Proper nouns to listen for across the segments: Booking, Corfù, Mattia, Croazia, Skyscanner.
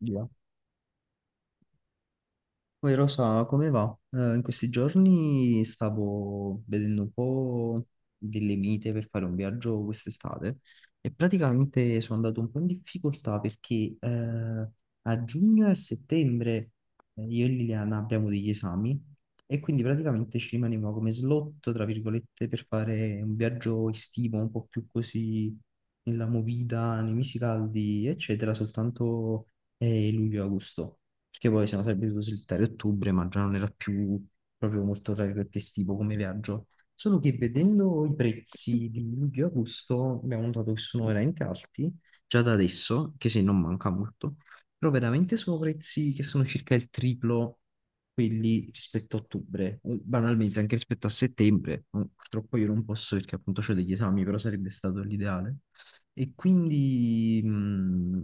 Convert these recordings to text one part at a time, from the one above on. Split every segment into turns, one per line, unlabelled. Via. Poi Rosa, come va? In questi giorni stavo vedendo un po' delle mite per fare un viaggio quest'estate e praticamente sono andato un po' in difficoltà perché a giugno e a settembre io e Liliana abbiamo degli esami e quindi praticamente ci rimaneva come slot, tra virgolette, per fare un viaggio estivo un po' più così nella movida, nei mesi caldi, eccetera, soltanto luglio-agosto. Perché poi siamo sarebbe dovuto slittare ottobre, ma già non era più proprio molto, tra virgolette, estivo come viaggio. Solo che vedendo i prezzi di luglio e agosto abbiamo notato che sono veramente alti, già da adesso, che se non manca molto, però veramente sono prezzi che sono circa il triplo quelli rispetto a ottobre, o banalmente anche rispetto a settembre. Purtroppo io non posso perché appunto ho degli esami, però sarebbe stato l'ideale. E quindi...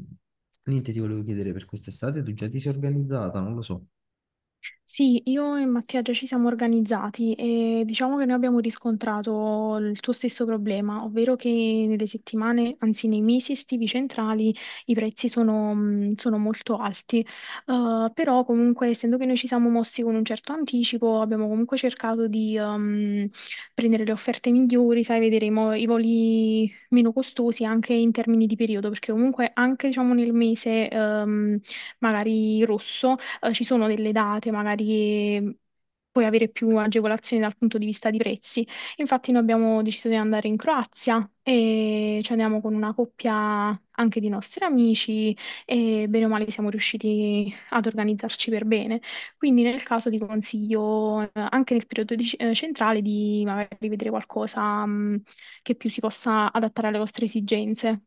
Niente, ti volevo chiedere per quest'estate, tu già ti sei organizzata? Non lo so.
Sì, io e Mattia già ci siamo organizzati e diciamo che noi abbiamo riscontrato il tuo stesso problema, ovvero che nelle settimane, anzi nei mesi estivi centrali i prezzi sono molto alti. Però comunque essendo che noi ci siamo mossi con un certo anticipo abbiamo comunque cercato di prendere le offerte migliori, sai, vedere i voli meno costosi anche in termini di periodo, perché comunque anche diciamo nel mese magari rosso. Ci sono delle date, magari puoi avere più agevolazioni dal punto di vista di prezzi. Infatti noi abbiamo deciso di andare in Croazia e ci andiamo con una coppia anche di nostri amici e bene o male siamo riusciti ad organizzarci per bene. Quindi nel caso ti consiglio anche nel periodo centrale di magari vedere qualcosa che più si possa adattare alle vostre esigenze.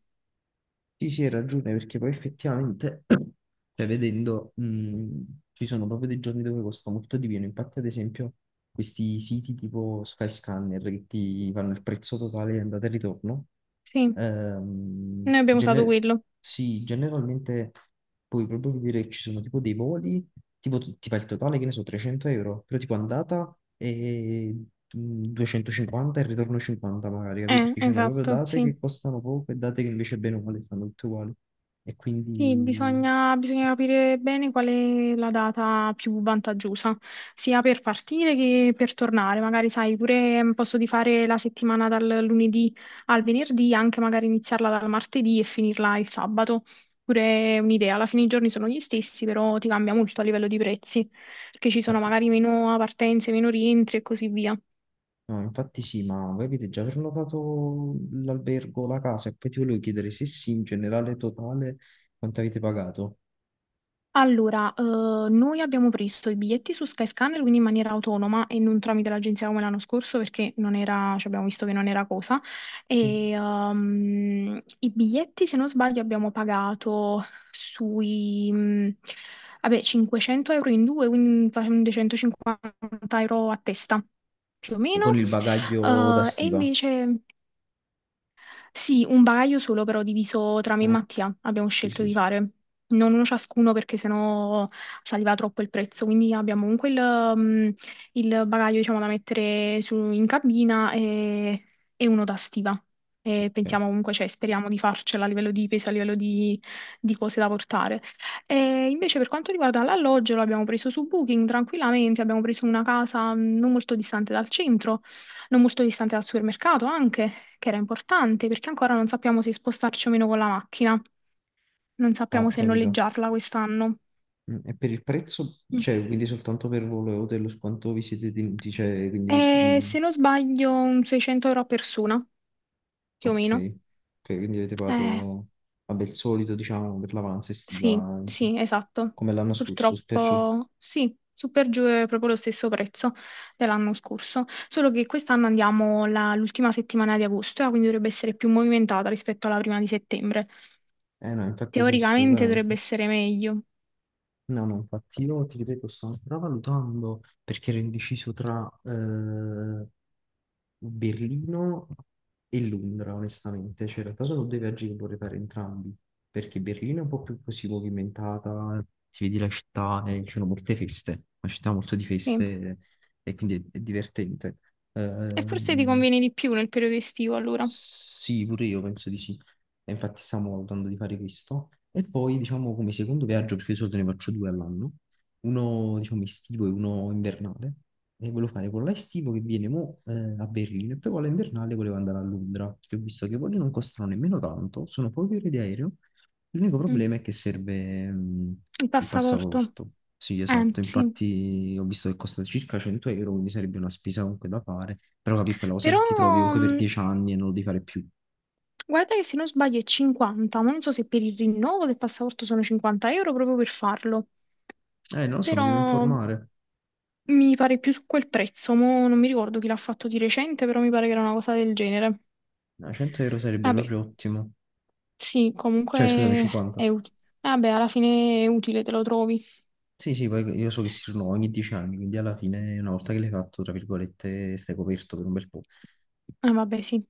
Ti si ragione perché poi effettivamente, cioè vedendo, ci sono proprio dei giorni dove costa molto di meno. Infatti, ad esempio, questi siti tipo Skyscanner che ti fanno il prezzo totale di andata e ritorno,
Sì,
ehm,
noi abbiamo usato
gene-
quello.
sì, generalmente, puoi proprio vedere che ci sono tipo dei voli, ti fa il totale, che ne so, 300 euro, però tipo andata e 250 e ritorno 50 magari, capi? Perché ci sono proprio
Esatto,
date
sì.
che costano poco e date che invece bene o male stanno tutte uguali. E
Sì,
quindi...
bisogna capire bene qual è la data più vantaggiosa, sia per partire che per tornare. Magari, sai, pure posso di fare la settimana dal lunedì al venerdì, anche magari iniziarla dal martedì e finirla il sabato. Pure è un'idea, alla fine i giorni sono gli stessi, però ti cambia molto a livello di prezzi, perché ci sono
eh,
magari meno partenze, meno rientri e così via.
no, infatti sì, ma voi avete già prenotato l'albergo, la casa, e poi ti volevo chiedere se sì, in generale totale, quanto avete pagato?
Allora, noi abbiamo preso i biglietti su Skyscanner, quindi in maniera autonoma e non tramite l'agenzia come l'anno scorso perché non era, cioè abbiamo visto che non era cosa.
Sì.
E, i biglietti, se non sbaglio, abbiamo pagato sui, vabbè, 500 euro in due, quindi facendo 150 euro a testa più o
E con
meno.
il bagaglio da
E
stiva?
invece sì, un bagaglio solo però diviso tra me e
Ah,
Mattia abbiamo
sì,
scelto
sì,
di
sì.
fare. Non uno ciascuno perché sennò saliva troppo il prezzo, quindi abbiamo comunque il bagaglio diciamo, da mettere in cabina e uno da stiva. E
Ok.
pensiamo comunque, cioè speriamo di farcela a livello di peso, a livello di cose da portare. E invece per quanto riguarda l'alloggio, l'abbiamo preso su Booking tranquillamente, abbiamo preso una casa non molto distante dal centro, non molto distante dal supermercato anche che era importante perché ancora non sappiamo se spostarci o meno con la macchina, non
Ah,
sappiamo
ho
se
capito.
noleggiarla quest'anno.
E per il prezzo,
Mm.
cioè, quindi soltanto per volo e hotel, quanto vi siete tenuti? Cioè,
E
quindi, su- mm,
se non sbaglio, un 600 euro a persona, più o
Ok,
meno.
ok, quindi avete
Eh,
pagato, vabbè, il solito, diciamo, per l'avanza
sì,
estiva, insomma,
sì, esatto.
come l'anno scorso, perciò.
Purtroppo sì, su per giù è proprio lo stesso prezzo dell'anno scorso, solo che quest'anno andiamo l'ultima settimana di agosto, quindi dovrebbe essere più movimentata rispetto alla prima di settembre.
Eh no, infatti sì,
Teoricamente dovrebbe
assolutamente.
essere meglio.
No, no, infatti io ti ripeto, sto ancora valutando perché ero indeciso tra Berlino e Londra, onestamente. Cioè, in realtà sono due viaggi che vorrei fare entrambi, perché Berlino è un po' più così movimentata, ti vedi la città e ci sono molte feste, una città molto di
Sì.
feste e quindi è divertente.
E forse ti
Ehm,
conviene di più nel periodo estivo, allora.
sì, pure io penso di sì. E infatti stiamo valutando di fare questo. E poi, diciamo, come secondo viaggio, perché di solito ne faccio due all'anno, uno, diciamo, estivo e uno invernale. E volevo fare quello estivo che viene mo, a Berlino e poi quello invernale volevo andare a Londra, che ho visto che quelli non costano nemmeno tanto, sono poche ore di aereo. L'unico
Mm.
problema è che serve
Il
il
passaporto.
passaporto. Sì, esatto,
Sì.
infatti ho visto che costa circa 100 euro, quindi sarebbe una spesa comunque da fare. Però capi quella cosa
Però,
che ti trovi comunque per
mm,
10 anni e non lo devi fare più.
guarda che se non sbaglio è 50, ma non so se per il rinnovo del passaporto sono 50 euro proprio per farlo.
Non lo so, mi
Però
devo informare.
mi pare più su quel prezzo. Mo non mi ricordo chi l'ha fatto di recente, però mi pare che era una cosa del genere.
No, 100 euro sarebbe
Vabbè,
proprio ottimo.
sì,
Cioè, scusami,
comunque
50.
è utile. Vabbè, alla fine è utile, te lo trovi.
Sì, sì, poi io so che si rinnovano ogni 10 anni, quindi alla fine, una volta che l'hai fatto, tra virgolette, stai coperto per un bel po'.
Ah, vabbè, sì.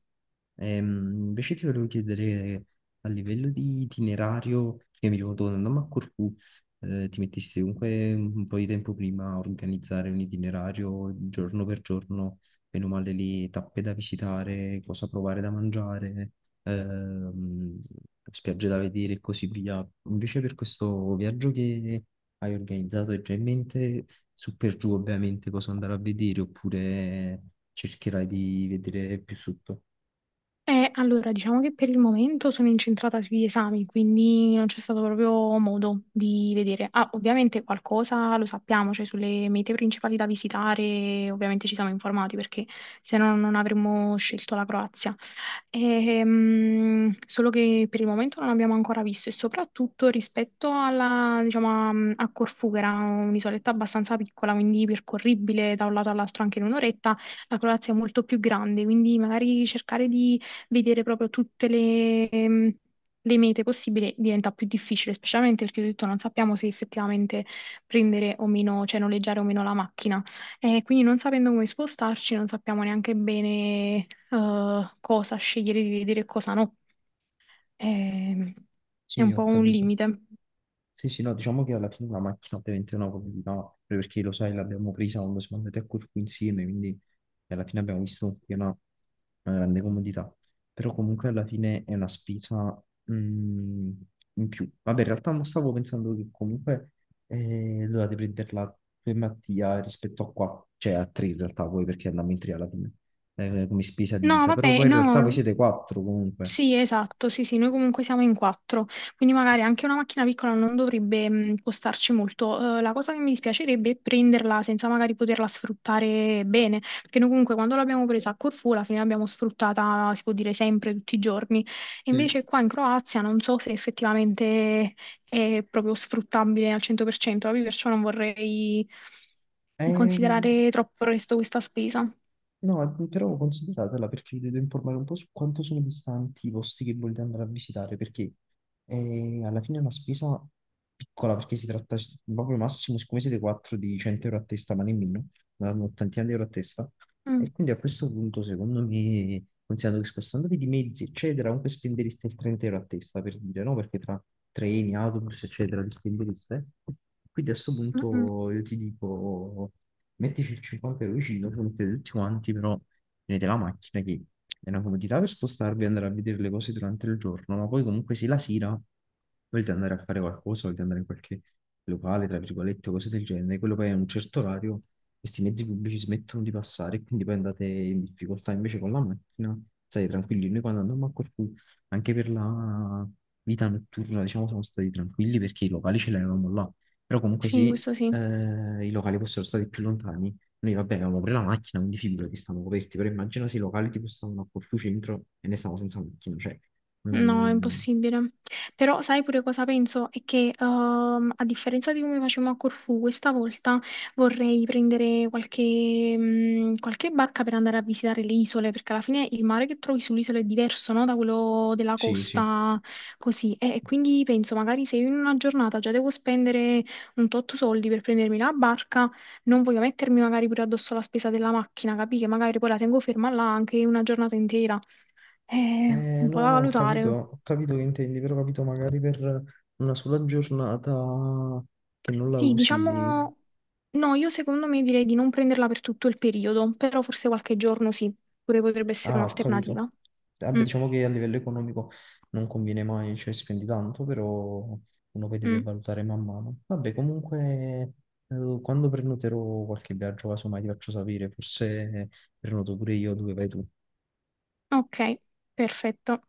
Invece ti volevo chiedere a livello di itinerario, perché mi ricordo quando andammo a Corfù, ti mettesti comunque un po' di tempo prima a organizzare un itinerario giorno per giorno, bene o male le tappe da visitare, cosa provare da mangiare, ehm, spiagge da vedere e così via. Invece per questo viaggio che hai organizzato hai già in mente su per giù ovviamente cosa andare a vedere oppure cercherai di vedere più sotto?
Allora, diciamo che per il momento sono incentrata sugli esami, quindi non c'è stato proprio modo di vedere. Ah, ovviamente qualcosa lo sappiamo, cioè sulle mete principali da visitare, ovviamente ci siamo informati perché se no non avremmo scelto la Croazia. Solo che per il momento non abbiamo ancora visto e soprattutto rispetto alla, diciamo, a Corfù, che era un'isoletta abbastanza piccola, quindi percorribile da un lato all'altro anche in un'oretta, la Croazia è molto più grande, quindi magari cercare di vedere proprio tutte le mete possibili diventa più difficile, specialmente perché ho detto non sappiamo se effettivamente prendere o meno, cioè noleggiare o meno la macchina. E quindi non sapendo come spostarci, non sappiamo neanche bene cosa scegliere di vedere e cosa no. Ehm, È
Sì,
un
ho
po' un
capito.
limite.
Sì, sì, no, diciamo che alla fine la macchina ovviamente è una comodità, proprio perché lo sai, l'abbiamo presa quando siamo andati a Corfu insieme, quindi alla fine abbiamo visto che è una grande comodità. Però comunque alla fine è una spesa mm, in più. Vabbè, in realtà non stavo pensando che comunque dovete prenderla per Mattia rispetto a qua, cioè a tre in realtà voi perché andiamo in tre alla fine, come spesa
No,
divisa, però
vabbè,
poi in realtà voi
no.
siete quattro comunque.
Sì, esatto, sì, sì, noi comunque siamo in quattro, quindi magari anche una macchina piccola non dovrebbe costarci molto. La cosa che mi dispiacerebbe è prenderla senza magari poterla sfruttare bene, perché noi comunque quando l'abbiamo presa a Corfù alla fine l'abbiamo sfruttata, si può dire, sempre, tutti i giorni. E
Sì.
invece qua in Croazia non so se effettivamente è proprio sfruttabile al 100%, proprio perciò non vorrei
Ehm,
considerare troppo presto questa spesa.
no, però consideratela perché vi devo informare un po' su quanto sono distanti i posti che volete andare a visitare, perché alla fine è una spesa piccola, perché si tratta proprio massimo, siccome siete 4 di 100 euro a testa, ma nemmeno, una un'ottantina di euro a testa,
Mm,
e quindi a questo punto secondo me, considerando che spostandovi di mezzi, eccetera, comunque spendereste il 30 euro a testa, per dire, no? Perché tra treni, autobus, eccetera, li spendereste. Quindi a questo
mm, mm.
punto io ti dico mettici il 50 euro vicino, ci mettete tutti quanti, però tenete la macchina che è una comodità per spostarvi e andare a vedere le cose durante il giorno, ma poi comunque se la sera volete andare a fare qualcosa, volete andare in qualche locale, tra virgolette, cose del genere, quello poi a un certo orario questi mezzi pubblici smettono di passare e quindi poi andate in difficoltà invece con la macchina, state tranquilli. Noi quando andammo a Corfù, anche per la vita notturna, diciamo, siamo stati tranquilli perché i locali ce l'avevamo là. Però comunque se
Sì, questo sì.
i locali fossero stati più lontani. Noi, va bene, avevamo pure la macchina, quindi figurati, stavamo coperti, però immagina se i locali tipo stavano a Corfu Centro e ne stavamo senza macchina, cioè...
No, è
mm,
impossibile. Però sai pure cosa penso? È che a differenza di come facevamo a Corfù, questa volta vorrei prendere qualche barca per andare a visitare le isole, perché alla fine il mare che trovi sull'isola è diverso, no? Da quello della
sì, sì.
costa così. E quindi penso, magari se io in una giornata già devo spendere un tot soldi per prendermi la barca, non voglio mettermi magari pure addosso la spesa della macchina, capì? Che magari poi la tengo ferma là anche una giornata intera. È un po'
No,
da
no,
valutare.
ho capito che intendi, però ho capito magari per una sola giornata che non la
Sì,
usi,
diciamo, no, io secondo me direi di non prenderla per tutto il periodo, però forse qualche giorno sì, pure potrebbe essere
ah, ho capito.
un'alternativa.
Vabbè,
Mm,
diciamo che a livello economico non conviene mai, cioè spendi tanto, però uno poi deve
mm.
valutare man mano. Vabbè, comunque, quando prenoterò qualche viaggio, casomai ti faccio sapere, forse prenoto pure io dove vai tu.
Ok, perfetto.